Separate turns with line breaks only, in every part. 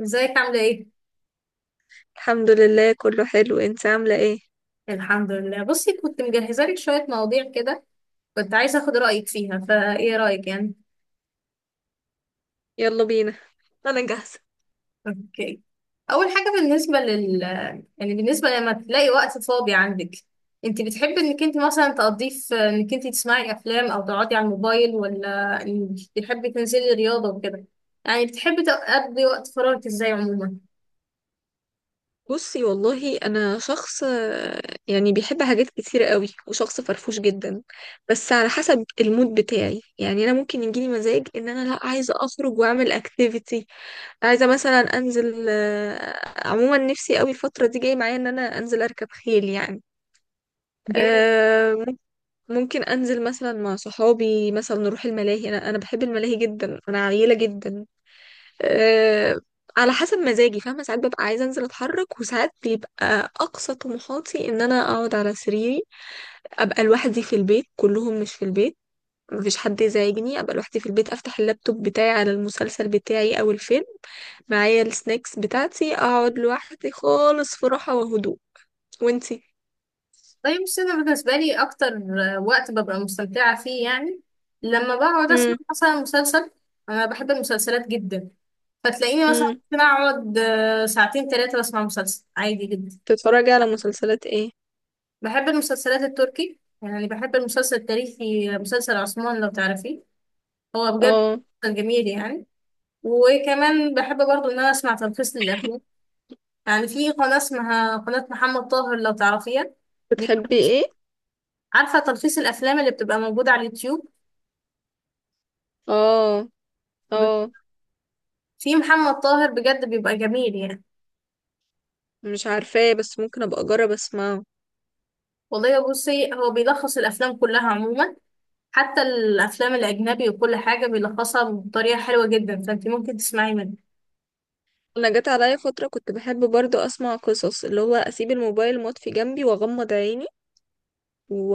ازيك، عاملة ايه؟
الحمد لله كله حلو. انت عاملة ايه؟
الحمد لله، بصي كنت مجهزة لك شوية مواضيع كده. كنت عايزة اخد رأيك فيها، فايه رأيك يعني؟
يلا بينا. انا جاهزة.
اوكي، اول حاجة بالنسبة لل يعني بالنسبة لما تلاقي وقت فاضي عندك، انت بتحبي انك انت مثلا تقضيه في انك انت تسمعي افلام او تقعدي على الموبايل، ولا انك بتحبي تنزلي رياضة وكده، يعني بتحبي تقضي وقت فراغك ازاي عموما؟
بصي والله انا شخص يعني بيحب حاجات كتير قوي وشخص فرفوش جدا. بس على حسب المود بتاعي، يعني ممكن يجيلي مزاج ان انا لا عايزة اخرج واعمل اكتيفيتي، عايزة مثلا انزل. عموما نفسي قوي الفترة دي جاي معايا ان انا انزل اركب خيل يعني.
جامد.
آه، مم- ممكن انزل مثلا مع صحابي، مثلا نروح الملاهي. انا بحب الملاهي جدا، انا عيلة جدا. أه، على حسب مزاجي، فاهمة؟ ساعات ببقى عايزة انزل اتحرك، وساعات بيبقى اقصى طموحاتي ان انا اقعد على سريري، ابقى لوحدي في البيت، كلهم مش في البيت، مفيش حد يزعجني، ابقى لوحدي في البيت، افتح اللابتوب بتاعي على المسلسل بتاعي او الفيلم، معايا السناكس بتاعتي، اقعد لوحدي خالص في راحة وهدوء. وانتي؟
طيب بس انا بالنسبه لي اكتر وقت ببقى مستمتعه فيه، يعني لما بقعد اسمع
امم
مثلا مسلسل. انا بحب المسلسلات جدا، فتلاقيني مثلا
امم،
ممكن اقعد ساعتين ثلاثه بسمع مسلسل عادي جدا.
بتتفرجي على مسلسلات ايه؟
بحب المسلسلات التركي، يعني بحب المسلسل التاريخي، مسلسل عثمان لو تعرفيه، هو بجد
اه.
مسلسل جميل يعني. وكمان بحب برضو ان انا اسمع تلخيص للافلام، يعني في قناه اسمها قناه محمد طاهر لو تعرفيها. بي-
بتحبي ايه؟
عارفه تلخيص الافلام اللي بتبقى موجوده على اليوتيوب؟
اه. اه.
في محمد طاهر بجد بيبقى جميل يعني.
مش عارفاه بس ممكن ابقى اجرب اسمعه.
والله بصي، هو بيلخص الافلام كلها عموما، حتى الافلام الاجنبي، وكل حاجه بيلخصها بطريقه حلوه جدا، فانت ممكن تسمعي منه.
انا جت عليا فتره كنت بحب برضو اسمع قصص، اللي هو اسيب الموبايل مطفي جنبي واغمض عيني و...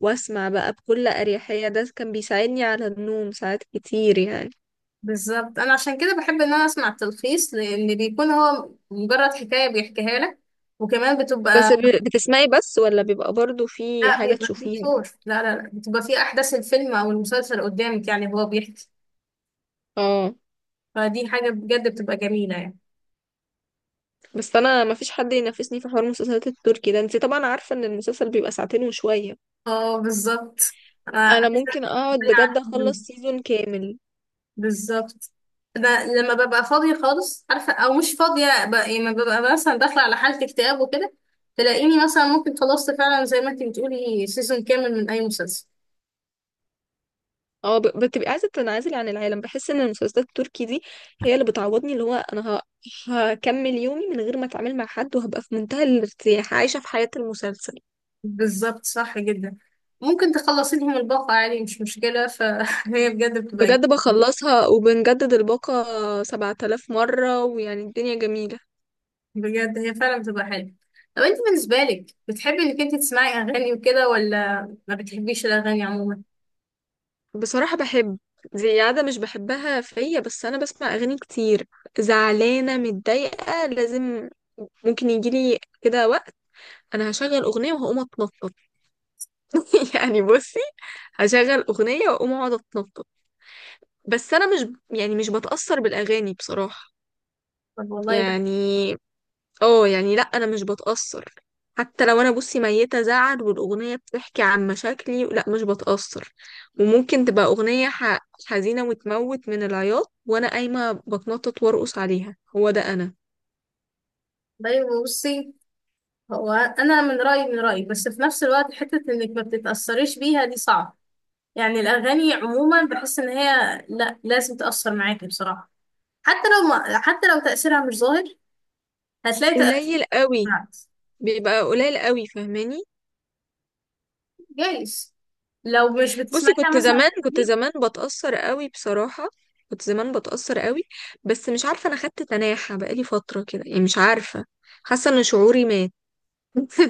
واسمع بقى بكل اريحيه. ده كان بيساعدني على النوم ساعات كتير يعني.
بالظبط، انا عشان كده بحب ان انا اسمع التلخيص، لان بيكون هو مجرد حكايه بيحكيها لك، وكمان
بس
بتبقى.
بتسمعي بس، ولا بيبقى برضو في
لا،
حاجه
بيبقى فيه
تشوفيها؟
صور، لا لا لا، بتبقى فيه احداث الفيلم او المسلسل قدامك، يعني هو بيحكي.
اه.
فدي حاجه بجد بتبقى جميله يعني.
بس انا ما فيش حد ينافسني في حوار المسلسلات التركي ده. انت طبعا عارفه ان المسلسل بيبقى ساعتين وشويه.
اه، بالظبط. انا
انا
عايزة
ممكن اقعد
أتكلم
بجد
عنها.
اخلص سيزون كامل.
بالظبط، انا لما ببقى فاضيه خالص، عارفه، او مش فاضيه، لما ببقى مثلا داخله على حاله اكتئاب وكده، تلاقيني مثلا ممكن خلصت فعلا زي ما انت بتقولي سيزون كامل من اي مسلسل.
اه، بتبقي عايزه تنعزلي عن العالم. بحس ان المسلسلات التركي دي هي اللي بتعوضني. اللي هو انا هكمل يومي من غير ما اتعامل مع حد، وهبقى في منتهى الارتياح عايشه في حياه المسلسل.
بالظبط، صح جدا. ممكن تخلصي لهم الباقه عادي، مش مشكله، فهي بجد
بجد بخلصها وبنجدد الباقه 7000 مره، ويعني الدنيا جميله.
بجد هي فعلا بتبقى حلوه. طب انت بالنسبه لك، بتحبي انك انت تسمعي اغاني وكده، ولا ما بتحبيش الاغاني عموما؟
بصراحه بحب. دي عادة مش بحبها فيا، بس انا بسمع اغاني كتير. زعلانه، متضايقه، لازم. ممكن يجيلي كده وقت انا هشغل اغنيه وهقوم اتنطط. يعني بصي، هشغل أغنية وأقوم أقعد أتنطط. بس أنا مش، يعني مش بتأثر بالأغاني بصراحة.
طب، والله ده،
يعني اه، يعني لأ، أنا مش بتأثر. حتى لو أنا بصي ميتة زعل والأغنية بتحكي عن مشاكلي، لأ مش بتأثر. وممكن تبقى أغنية حزينة وتموت من العياط، وأنا قايمة بتنطط وأرقص عليها. هو ده أنا.
طيب بصي، هو انا من رايي، من رايي بس في نفس الوقت حته انك ما بتتاثريش بيها دي صعب، يعني الاغاني عموما بحس ان هي لا، لازم تاثر معاكي بصراحه. حتى لو تاثيرها مش ظاهر، هتلاقي تاثير.
قليل قوي.
بالعكس.
بيبقى قليل قوي، فاهماني؟
جايز، لو مش
بصي
بتسمعيها
كنت
مثلا
زمان كنت
كتير.
زمان بتأثر قوي بصراحة. كنت زمان بتأثر قوي. بس مش عارفة، انا خدت تناحة بقالي فترة كده، يعني مش عارفة، حاسة ان شعوري مات.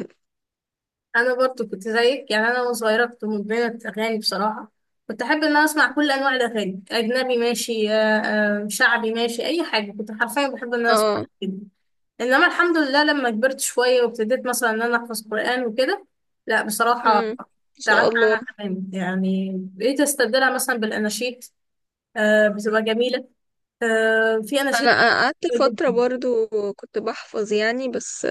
انا برضو كنت زيك، يعني انا وانا صغيره كنت مدمنه اغاني بصراحه، كنت احب ان انا اسمع كل انواع الاغاني، اجنبي ماشي، شعبي ماشي، اي حاجه كنت حرفيا بحب ان انا اسمع
اه.
كده. انما الحمد لله، لما كبرت شويه وابتديت مثلا ان انا احفظ قران وكده، لا بصراحه،
امم. ان شاء
تعبت
الله.
عنها تماما، يعني بقيت استبدلها مثلا بالاناشيد. آه، بتبقى جميله، آه، في اناشيد
انا قعدت
كتير
فترة
جدا.
برضو كنت بحفظ يعني، بس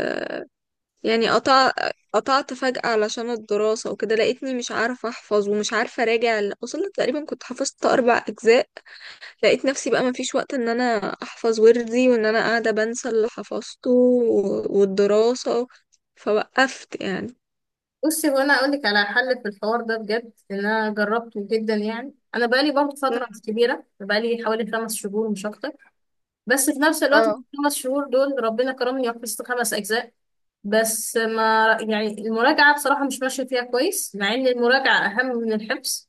يعني قطع، قطعت فجأة علشان الدراسة وكده. لقيتني مش عارفة احفظ ومش عارفة اراجع وصلت تقريبا كنت حفظت اربع اجزاء. لقيت نفسي بقى مفيش وقت ان انا احفظ وردي، وان انا قاعدة بنسى اللي حفظته والدراسة، فوقفت يعني.
بصي، هو انا اقول لك على حل في الحوار ده بجد ان انا جربته جدا، يعني انا بقالي برضه فتره مش كبيره، بقالي حوالي 5 شهور مش اكتر، بس في نفس الوقت في
اه.
الخمس شهور دول ربنا كرمني وحفظت 5 اجزاء. بس ما يعني المراجعة بصراحة مش ماشية فيها كويس، مع إن المراجعة أهم من الحفظ.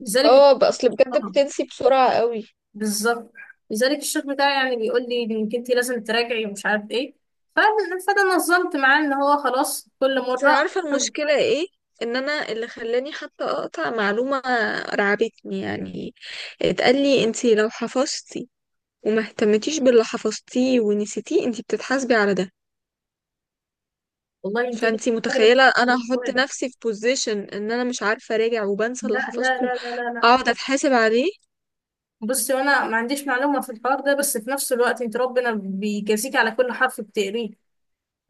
لذلك،
اه بقى، اصل بجد
آه،
بتنسي بسرعة قوي.
بالظبط. لذلك الشيخ بتاعي يعني بيقول لي إنك أنت لازم تراجعي ومش عارف إيه، ف- فأنا نظمت معاه إن هو خلاص كل
بس
مرة
عارفة
خد.
المشكلة ايه؟ ان انا اللي خلاني حتى اقطع معلومة، رعبتني يعني. اتقال لي انتي لو حفظتي وما اهتمتيش باللي حفظتيه ونسيتيه، انتي بتتحاسبي على ده.
والله أنت ليك
فانتي
أجر
متخيلة
في
انا هحط
القرآن.
نفسي في بوزيشن ان انا مش عارفة اراجع وبنسى
لا
اللي
لا
حفظته،
لا لا لا لا.
اقعد اتحاسب عليه؟
بصي، وأنا ما عنديش معلومة في الحوار ده، بس في نفس الوقت أنت ربنا بيجازيك على كل حرف بتقريه.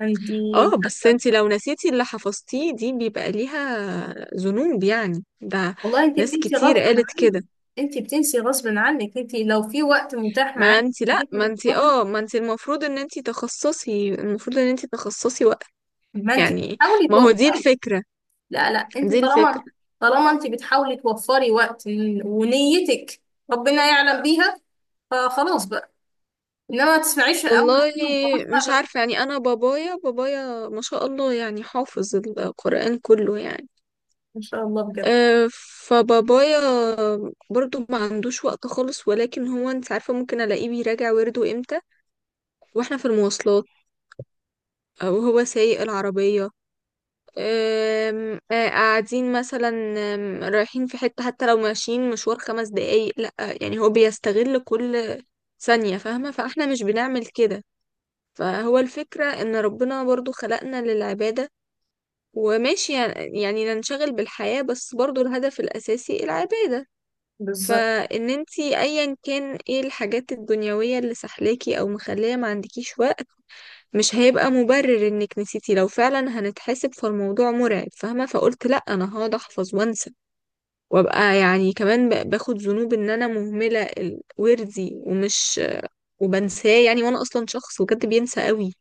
أنت.
اه بس انتي لو نسيتي اللي حفظتيه دي بيبقى ليها ذنوب يعني ده.
والله انت
ناس
بتنسي
كتير
غصب
قالت كده.
عنك. انت بتنسي غصب عنك، انت لو في وقت متاح
ما
معاك
انتي لا،
إنك
ما انتي
تتفرغي،
اه، ما انتي المفروض ان انتي تخصصي، المفروض ان انتي تخصصي وقت
ما انت
يعني.
بتحاولي
ما هو دي
توفري.
الفكرة،
لا لا،
دي
انت طالما
الفكرة.
طالما انت بتحاولي توفري وقت، ونيتك ربنا يعلم بيها. فخلاص بقى، انما ما تسمعيش من اول
والله
كلمة وخلاص بقى
مش
بقى.
عارفة يعني. انا بابايا، بابايا ما شاء الله يعني حافظ القرآن كله يعني.
ان شاء الله بجد.
آه، فبابايا برضو ما عندوش وقت خالص، ولكن هو، انت عارفة، ممكن الاقيه بيراجع ورده امتى؟ واحنا في المواصلات، او هو سايق العربية، آم، آه، قاعدين مثلا، رايحين في حتة. حتى لو ماشيين مشوار خمس دقايق، لا يعني هو بيستغل كل ثانية، فاهمة؟ فاحنا مش بنعمل كده. فهو الفكرة ان ربنا برضو خلقنا للعبادة. وماشي يعني ننشغل بالحياة، بس برضو الهدف الأساسي العبادة.
بالظبط.
فان انتي ايا كان ايه الحاجات الدنيوية اللي سحلاكي او مخلية ما عندكيش وقت، مش هيبقى مبرر انك نسيتي. لو فعلا هنتحسب، فالموضوع مرعب، فاهمة؟ فقلت لا، انا هقعد احفظ وانسى وابقى يعني كمان باخد ذنوب ان انا مهملة وردي ومش، وبنساه يعني. وانا اصلا شخص بجد بينسى قوي،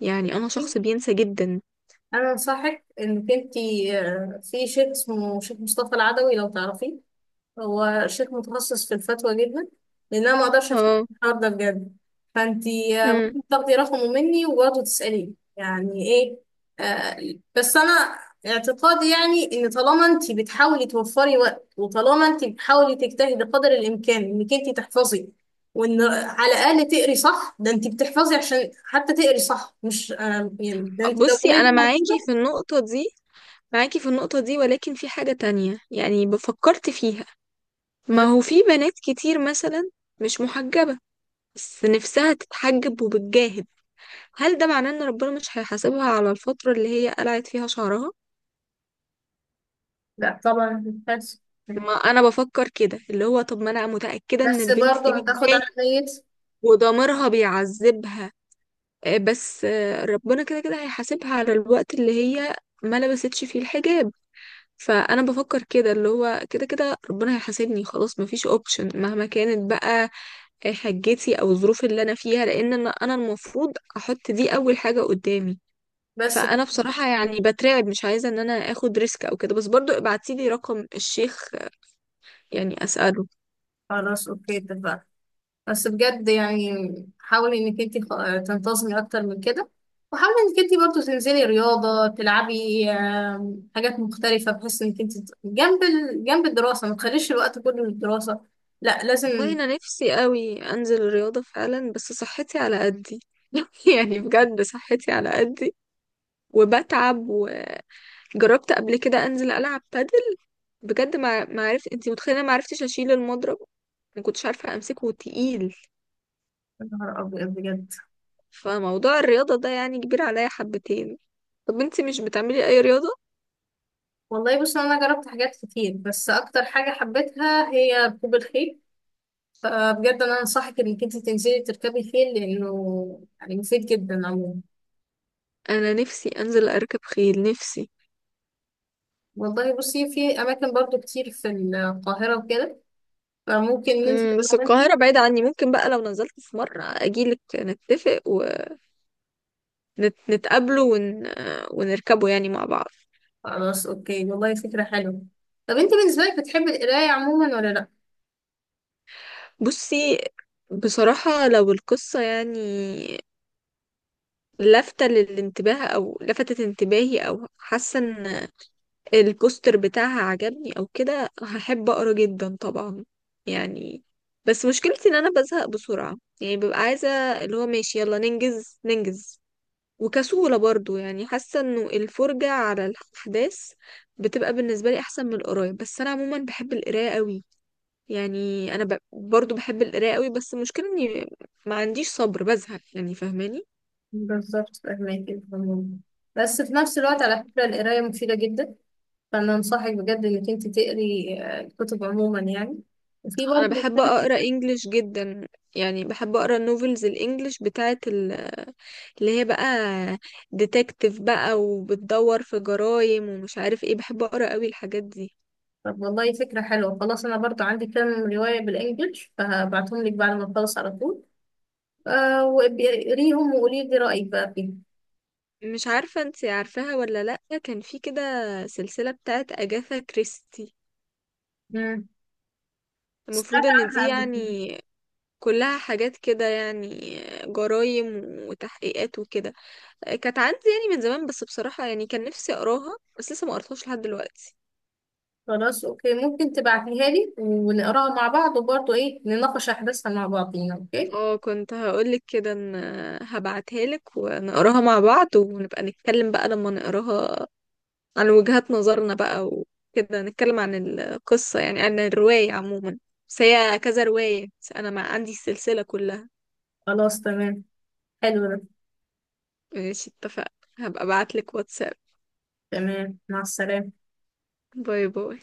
يعني انا شخص بينسى جدا.
انا انصحك انك انت، في شيخ اسمه شيخ مصطفى العدوي لو تعرفيه، هو شيخ متخصص في الفتوى جدا. لان انا ما اقدرش افتكر
اه.
الحوار ده بجد، فانتي
امم.
ممكن تاخدي رقمه مني وبرضه تساليه يعني ايه. آه، بس انا اعتقادي يعني ان طالما انتي بتحاولي توفري وقت، وطالما انتي بتحاولي تجتهدي قدر الامكان انك انتي تحفظي، وان على الاقل تقري صح، ده انتي بتحفظي عشان حتى تقري صح، مش يعني ده انتي لو
بصي
قريتي
انا معاكي
موجوده.
في النقطة دي، معاكي في النقطة دي، ولكن في حاجة تانية يعني بفكرت فيها. ما
مم.
هو في بنات كتير مثلا مش محجبة بس نفسها تتحجب وبتجاهد، هل ده معناه ان ربنا مش هيحاسبها على الفترة اللي هي قلعت فيها شعرها؟
لا طبعا، بس،
ما انا بفكر كده، اللي هو طب ما انا متأكدة ان
بس
البنت دي
برضه هتاخد على
بتجاهد
نيتي
وضميرها بيعذبها، بس ربنا كده كده هيحاسبها على الوقت اللي هي ما لبستش فيه الحجاب. فانا بفكر كده، اللي هو كده كده ربنا هيحاسبني، خلاص مفيش اوبشن مهما كانت بقى حاجتي او الظروف اللي انا فيها، لان انا المفروض احط دي اول حاجه قدامي.
بس.
فانا بصراحه يعني بترعب، مش عايزه ان انا اخد ريسك او كده، بس برضو ابعتي لي رقم الشيخ يعني اساله.
خلاص، اوكي اتفقنا. بس بجد يعني حاولي انك انت تنتظمي اكتر من كده، وحاولي انك انت برضو تنزلي رياضة، تلعبي حاجات مختلفة، بحيث انك انت جنب جنب الدراسة ما تخليش الوقت كله للدراسة. لا،
والله
لازم.
انا نفسي قوي انزل الرياضه فعلا، بس صحتي على قدي. يعني بجد صحتي على قدي، وبتعب. وجربت قبل كده انزل العب بادل، بجد ما عرفت، انت متخيله ما عرفتش اشيل المضرب، ما كنتش عارفه امسكه، تقيل.
يا نهار ابيض، بجد.
فموضوع الرياضه ده يعني كبير عليا حبتين. طب انتي مش بتعملي اي رياضة؟
والله بصي، انا جربت حاجات كتير بس اكتر حاجة حبيتها هي ركوب الخيل، فبجد انا انصحك انك انت تنزلي تركبي خيل، لانه يعني مفيد جدا عموما.
انا نفسي انزل اركب خيل، نفسي.
والله بصي، في أماكن برضو كتير في القاهرة وكده، فممكن ننزل
مم،
أنا
بس القاهرة
وأنتي.
بعيدة عني. ممكن بقى لو نزلت في مرة اجيلك، نتفق ونتقابله ونركبه يعني مع بعض.
خلاص أوكي، والله فكرة حلوة. طب أنت بالنسبة لك بتحبي القراية عموما، ولا لأ؟
بصي بصراحة لو القصة يعني لافتة للانتباه، او لفتت انتباهي، او حاسة ان البوستر بتاعها عجبني او كده، هحب اقرا جدا طبعا يعني. بس مشكلتي ان انا بزهق بسرعة، يعني ببقى عايزة اللي هو ماشي يلا ننجز ننجز. وكسولة برضو، يعني حاسة انه الفرجة على الاحداث بتبقى بالنسبة لي احسن من القراية. بس انا عموما بحب القراية قوي، يعني انا برضو بحب القراية قوي، بس المشكلة اني ما عنديش صبر، بزهق يعني، فاهماني؟
بالظبط، فاهماكي تمام. بس في نفس الوقت، على فكرة، القراية مفيدة جدا، فأنا أنصحك بجد إنك أنت تقري الكتب عموما يعني. وفي
انا
برضه،
بحب اقرا انجليش جدا، يعني بحب اقرا النوفلز الانجليش بتاعت اللي هي بقى ديتكتيف بقى، وبتدور في جرايم ومش عارف ايه. بحب اقرا قوي الحاجات دي.
طب، والله فكرة حلوة. خلاص، أنا برضو عندي كام رواية بالإنجلش، فهبعتهم لك بعد ما أخلص على طول. وقريهم وقولي لي رأيك بقى فيهم.
مش عارفة انت عارفاها ولا لأ، كان في كده سلسلة بتاعت أجاثا كريستي.
مم. سمعت
المفروض ان دي
عنها قبل كده.
يعني كلها حاجات كده يعني، جرايم وتحقيقات وكده. كانت عندي يعني من زمان، بس بصراحة يعني كان نفسي اقراها بس لسه ما قرتهاش لحد دلوقتي.
خلاص، اوكي، ممكن تبعتيها لي ونقراها مع بعض، وبرضه ايه نناقش احداثها مع بعضينا. اوكي،
اه كنت هقولك كده، ان هبعتها لك ونقراها مع بعض، ونبقى نتكلم بقى لما نقراها عن وجهات نظرنا بقى وكده، نتكلم عن القصة يعني، عن الرواية عموما. بس هي كذا رواية، بس أنا مع عندي السلسلة كلها.
خلاص تمام، حلو ده.
ماشي، اتفق. هبقى ابعتلك واتساب.
تمام، مع السلامة.
باي باي.